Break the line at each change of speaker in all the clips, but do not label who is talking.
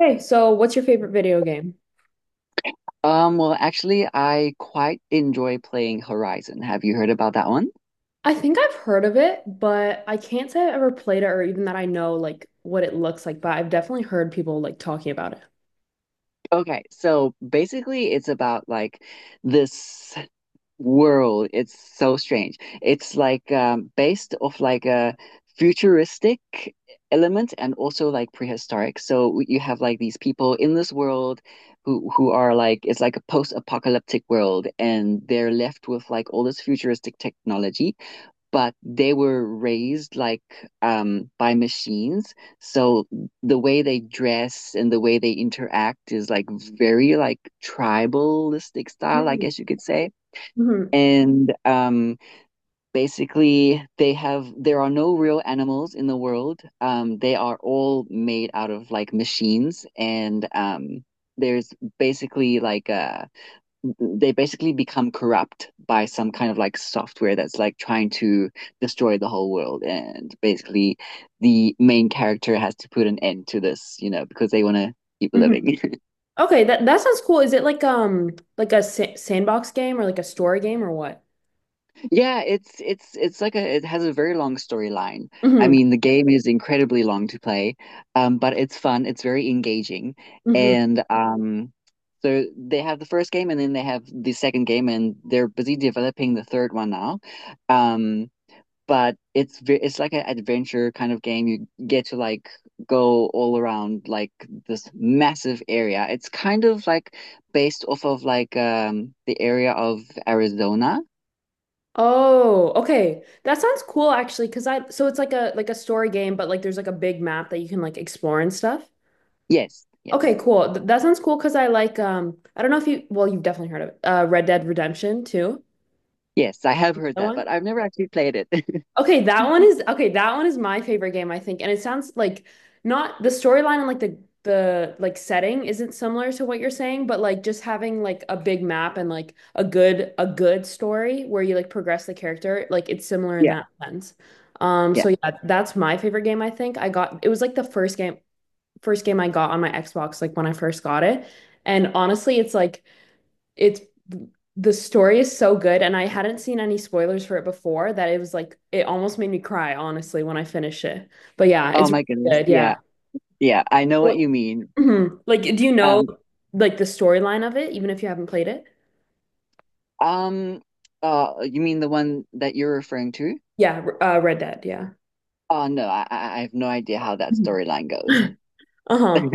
Hey, so what's your favorite video game?
I quite enjoy playing Horizon. Have you heard about that one?
I think I've heard of it, but I can't say I've ever played it or even that I know like what it looks like, but I've definitely heard people like talking about it.
Okay, so basically, it's about like this world. It's so strange. It's like based off like a futuristic element and also like prehistoric. So you have like these people in this world who are like it's like a post-apocalyptic world, and they're left with like all this futuristic technology. But they were raised like by machines. So the way they dress and the way they interact is like very like tribalistic style, I
Mm-hmm.
guess you could say. And basically, they have there are no real animals in the world. They are all made out of like machines, and there's basically like a they basically become corrupt by some kind of like software that's like trying to destroy the whole world and basically the main character has to put an end to this because they want to keep
hmm
living.
Okay, that sounds cool. Is it like a sa sandbox game or like a story game or what?
yeah, it's like a it has a very long storyline. I
hmm
mean the game is incredibly long to play. But it's fun, it's very engaging.
hmm
And so they have the first game and then they have the second game and they're busy developing the third one now. um but it's like an adventure kind of game. You get to like go all around like this massive area. It's kind of like based off of like the area of Arizona.
Oh, okay. That sounds cool actually, 'cause I so it's like a story game, but like there's like a big map that you can like explore and stuff.
Yes,
Okay,
yes,
cool. That sounds cool because I like I don't know if you well you've definitely heard of it. Red Dead Redemption too.
yes. I have heard
That
that,
one?
but I've never actually played it.
Okay, that one is okay, that one is my favorite game, I think. And it sounds like not the storyline and like the like setting isn't similar to what you're saying, but like just having like a big map and like a good story where you like progress the character, like it's similar in
Yeah,
that sense.
yeah.
So yeah, that's my favorite game, I think. I got It was like the first game I got on my Xbox, like when I first got it. And honestly, it's like it's the story is so good, and I hadn't seen any spoilers for it before that it was like it almost made me cry, honestly, when I finished it. But yeah,
Oh
it's
my goodness.
really good.
Yeah,
Yeah.
yeah. I know what
Well,
you mean.
mhm. Like, do you know
Um,
like the storyline of it, even if you haven't played it?
um, you mean the one that you're referring to?
Yeah, Red Dead. Yeah.
Oh no, I have no idea how that
Mhm.
storyline goes.
Uh-huh.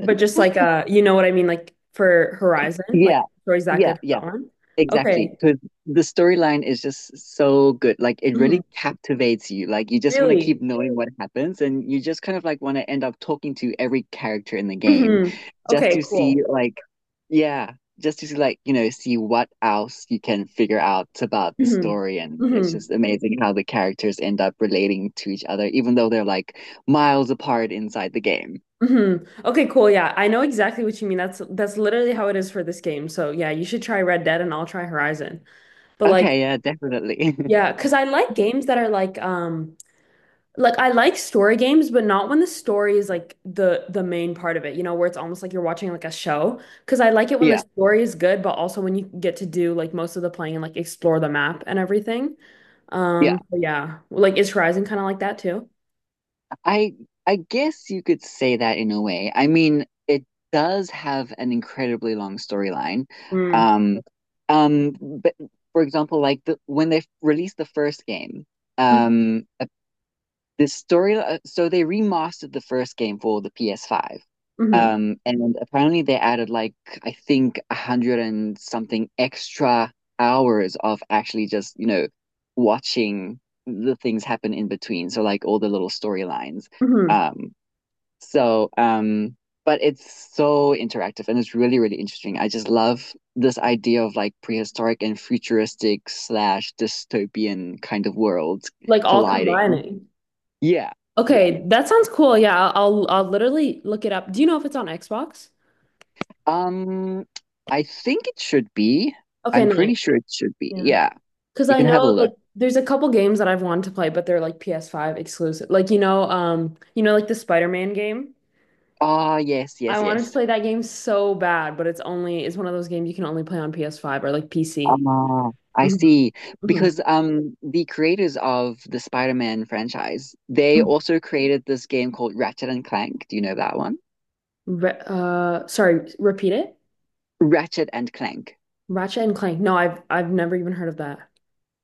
But just like you know what I mean, like for Horizon, like
Yeah,
the story's that
yeah,
good for
yeah.
that one.
Exactly,
Okay.
because the storyline is just so good. Like it
Mhm.
really captivates you. Like you just want to keep
Really?
knowing what happens, and you just kind of like want to end up talking to every character in the game,
hmm
just
Okay,
to see
cool.
like yeah, just to see like see what else you can figure out about the
hmm
story. And it's
hmm
just amazing how the characters end up relating to each other, even though they're like miles apart inside the game.
hmm Okay, cool. Yeah, I know exactly what you mean. That's literally how it is for this game. So yeah, you should try Red Dead and I'll try Horizon. But like,
Okay, yeah, definitely.
yeah, because I like games that are like I like story games, but not when the story is like the main part of it, you know, where it's almost like you're watching like a show. Because I like it when the
Yeah,
story is good, but also when you get to do like most of the playing and like explore the map and everything.
yeah.
So yeah, like is Horizon kind of like that too?
I I guess you could say that in a way. I mean, it does have an incredibly long storyline.
Mm.
Um, but for example, like the when they released the first game, um, the story so they remastered the first game for the PS5.
hmm
And apparently they added like I think 100 and something extra hours of actually just watching the things happen in between, so like all the little storylines.
hmm
um so um but it's so interactive and it's really really interesting. I just love this idea of like prehistoric and futuristic slash dystopian kind of worlds
Like all
colliding.
combining.
Yeah, yeah.
Okay, that sounds cool. Yeah, I'll literally look it up. Do you know if it's on Xbox?
Um, I think it should be.
Okay,
I'm
nice.
pretty sure it should be.
Yeah.
Yeah,
Because
you
I
can have
know
a
like
look.
there's a couple games that I've wanted to play, but they're like PS5 exclusive. Like you know, like the Spider-Man game.
Ah, yes,
I
yes,
wanted to
yes.
play that game so bad, but it's one of those games you can only play on PS5 or like PC.
Ah, I
hmm
see.
hmm
Because the creators of the Spider-Man franchise, they also created this game called Ratchet and Clank. Do you know that one?
Re sorry, repeat it.
Ratchet and Clank.
Ratchet and Clank. No, I've never even heard of that.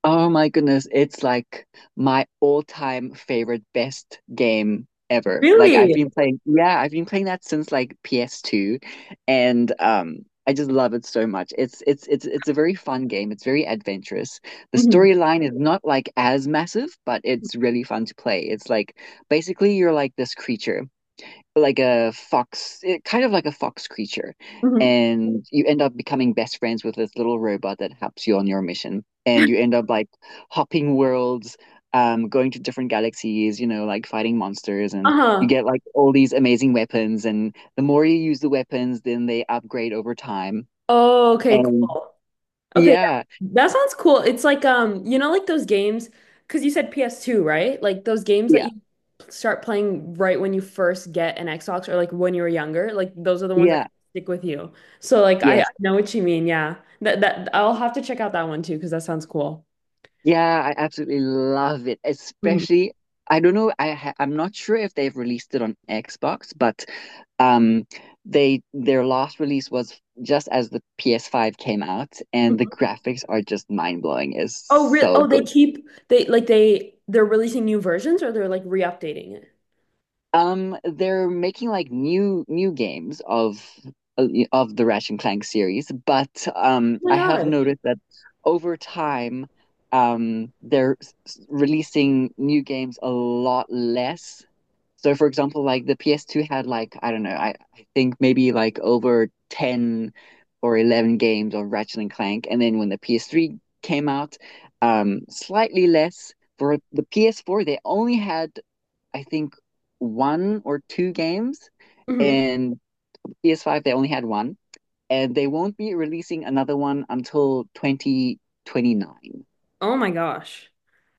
Oh my goodness, it's like my all-time favorite best game ever. Like I've
Really?
been playing, yeah, I've been playing that since like PS2. And I just love it so much. It's a very fun game. It's very adventurous. The
hmm
storyline is not like as massive, but it's really fun to play. It's like basically you're like this creature like a fox, it, kind of like a fox creature.
hmm
And you end up becoming best friends with this little robot that helps you on your mission. And you end up like hopping worlds, going to different galaxies, like fighting monsters. And you
Uh-huh.
get like all these amazing weapons. And the more you use the weapons, then they upgrade over time.
Oh, okay,
And
cool. Okay, yeah.
yeah,
That sounds cool. It's like you know, like those games, because you said PS2, right? Like those games that
yeah,
you start playing right when you first get an Xbox or like when you were younger, like those are the ones that kind
yeah.
of stick with you. So like I
Yes,
know what you mean, yeah. That I'll have to check out that one too, because that sounds cool.
yeah, I absolutely love it.
Mhm.
Especially, I don't know, I'm not sure if they've released it on Xbox, but um they their last release was just as the PS5 came out, and the
Mhm.
graphics are just mind-blowing. It's
Oh, real
so
Oh, they
good.
keep they're releasing new versions or they're like re-updating it.
They're making like new games of the Ratchet and Clank series, but
Oh my
I have
gosh.
noticed that over time they're releasing new games a lot less. So for example, like the PS2 had like, I don't know, I think maybe like over 10 or 11 games of Ratchet and Clank. And then when the PS3 came out, slightly less. For the PS4, they only had, I think, one or two games.
Mm-hmm.
And PS5, they only had one. And they won't be releasing another one until 2029.
Oh my gosh.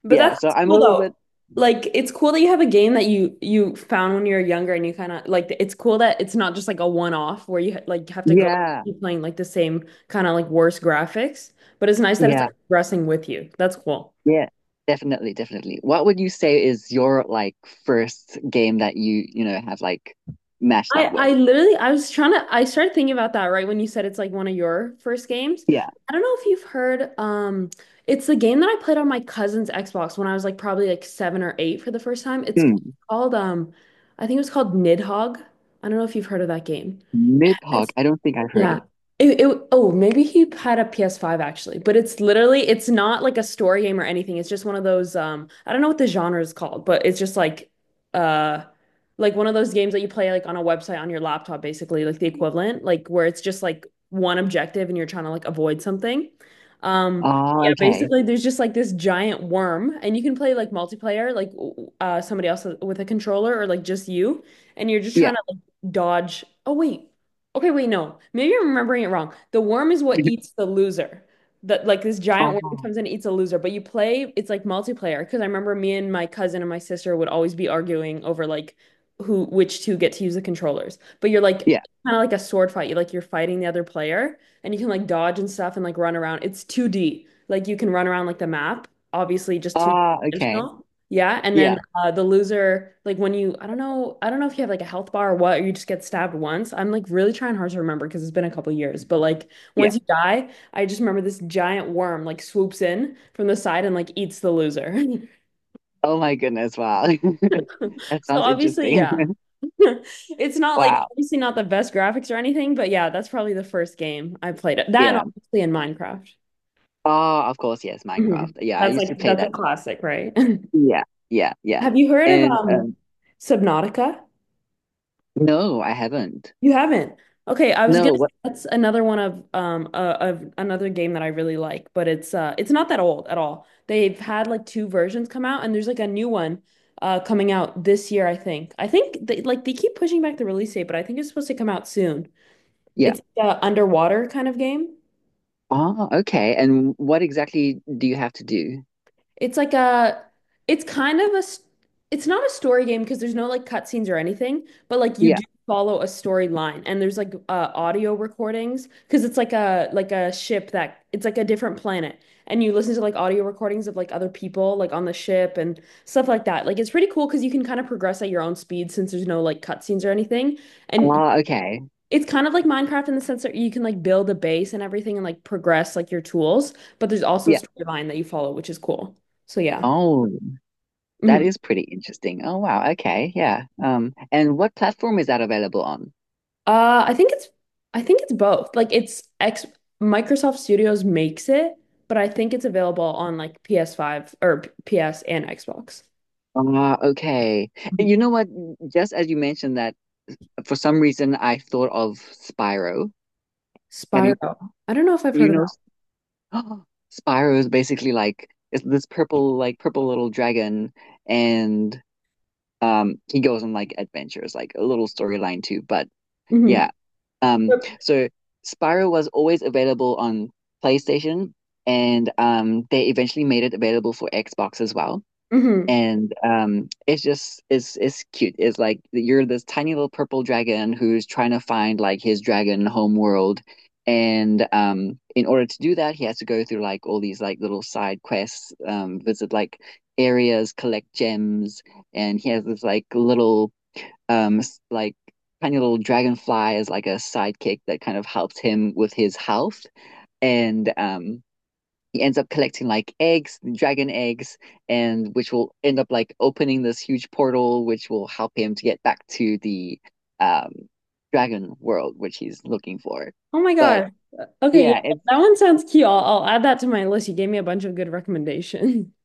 But
Yeah,
that's
so
that's
I'm a
cool
little
though.
bit,
Like it's cool that you have a game that you found when you were younger and you kind of like it's cool that it's not just like a one-off where you like have to go back
yeah,
and keep playing like the same kind of like worse graphics, but it's nice that it's
yeah.
like progressing with you. That's cool.
Yeah, definitely, definitely. What would you say is your like first game that you, have like matched up
I
with?
literally I was trying to I started thinking about that right when you said it's like one of your first games.
Yeah.
I don't know if you've heard it's the game that I played on my cousin's Xbox when I was like probably like 7 or 8 for the first time. It's
Hmm.
called I think it was called Nidhogg. I don't know if you've heard of that game.
Nidhogg, I don't think I've heard
Yeah.
it.
It oh maybe he had a PS5 actually, but it's not like a story game or anything. It's just one of those I don't know what the genre is called, but it's just uh like one of those games that you play like on a website on your laptop basically, like the equivalent, like where it's just like one objective and you're trying to like avoid something. Um,
Ah,
yeah,
okay.
basically there's just like this giant worm and you can play like multiplayer like somebody else with a controller or like just you and you're just
Yeah.
trying to like dodge. Oh wait. Okay, wait, no. Maybe I'm remembering it wrong. The worm is what eats the loser. That Like this giant
Ah,
worm comes in and eats a loser, but you play, it's like multiplayer because I remember me and my cousin and my sister would always be arguing over like who which two get to use the controllers. But you're like
yeah.
kind of like a sword fight. You're fighting the other player and you can like dodge and stuff and like run around. It's 2D. Like you can run around like the map, obviously just two
Ah, okay.
dimensional. Yeah, and
Yeah.
then the loser, like I don't know if you have like a health bar or what, or you just get stabbed once. I'm like really trying hard to remember because it's been a couple years, but like
Yeah.
once you die, I just remember this giant worm like swoops in from the side and like eats the loser.
Oh my goodness, wow. That
So
sounds
obviously,
interesting.
yeah, it's not like
Wow.
obviously not the best graphics or anything, but yeah, that's probably the first game I played. That and
Yeah.
obviously in Minecraft.
Ah, of course, yes, Minecraft.
Mhm.
Yeah, I
That's
used
like
to play
that's a
that.
classic, right?
Yeah. Yeah, yeah.
Have you heard of
And
Subnautica?
no, I haven't.
You haven't. Okay, I was gonna
No,
say
what?
that's another one of another game that I really like, but it's not that old at all. They've had like two versions come out, and there's like a new one coming out this year, I think. They keep pushing back the release date, but I think it's supposed to come out soon.
Yeah.
It's a underwater kind of game.
Ah, okay. And what exactly do you have to do?
It's like a, it's kind of it's not a story game because there's no like cutscenes or anything, but like you
Yeah.
do follow a storyline and there's like audio recordings because it's like a ship that it's like a different planet and you listen to like audio recordings of like other people like on the ship and stuff like that. Like it's pretty cool because you can kind of progress at your own speed since there's no like cutscenes or anything. And
Ah, okay.
it's kind of like Minecraft in the sense that you can like build a base and everything and like progress like your tools, but there's also a
Yeah.
storyline that you follow, which is cool. So yeah.
Oh, that
Mhm.
is pretty interesting. Oh, wow. Okay. Yeah. And what platform is that available on?
Uh, I think it's I think it's both. Like it's X Microsoft Studios makes it, but I think it's available on like PS5 or PS and Xbox.
Ah, okay.
Mhm.
And you know what? Just as you mentioned that, for some reason I thought of Spyro. Have you
Spyro. I don't know if I've
you
heard of
know
that.
Spyro is basically like it's this purple like purple little dragon and he goes on like adventures, like a little storyline too. But
hmm
yeah. Um, so Spyro was always available on PlayStation, and they eventually made it available for Xbox as well.
hmm
And it's just it's cute. It's like you're this tiny little purple dragon who's trying to find like his dragon homeworld. And in order to do that, he has to go through like all these like little side quests, visit like areas, collect gems, and he has this like little um like tiny little dragonfly is like a sidekick that kind of helps him with his health. And he ends up collecting like eggs dragon eggs and which will end up like opening this huge portal which will help him to get back to the um dragon world which he's looking for.
Oh my
But
gosh. Okay, yeah,
yeah.
that one sounds cute. I'll add that to my list. You gave me a bunch of good recommendations.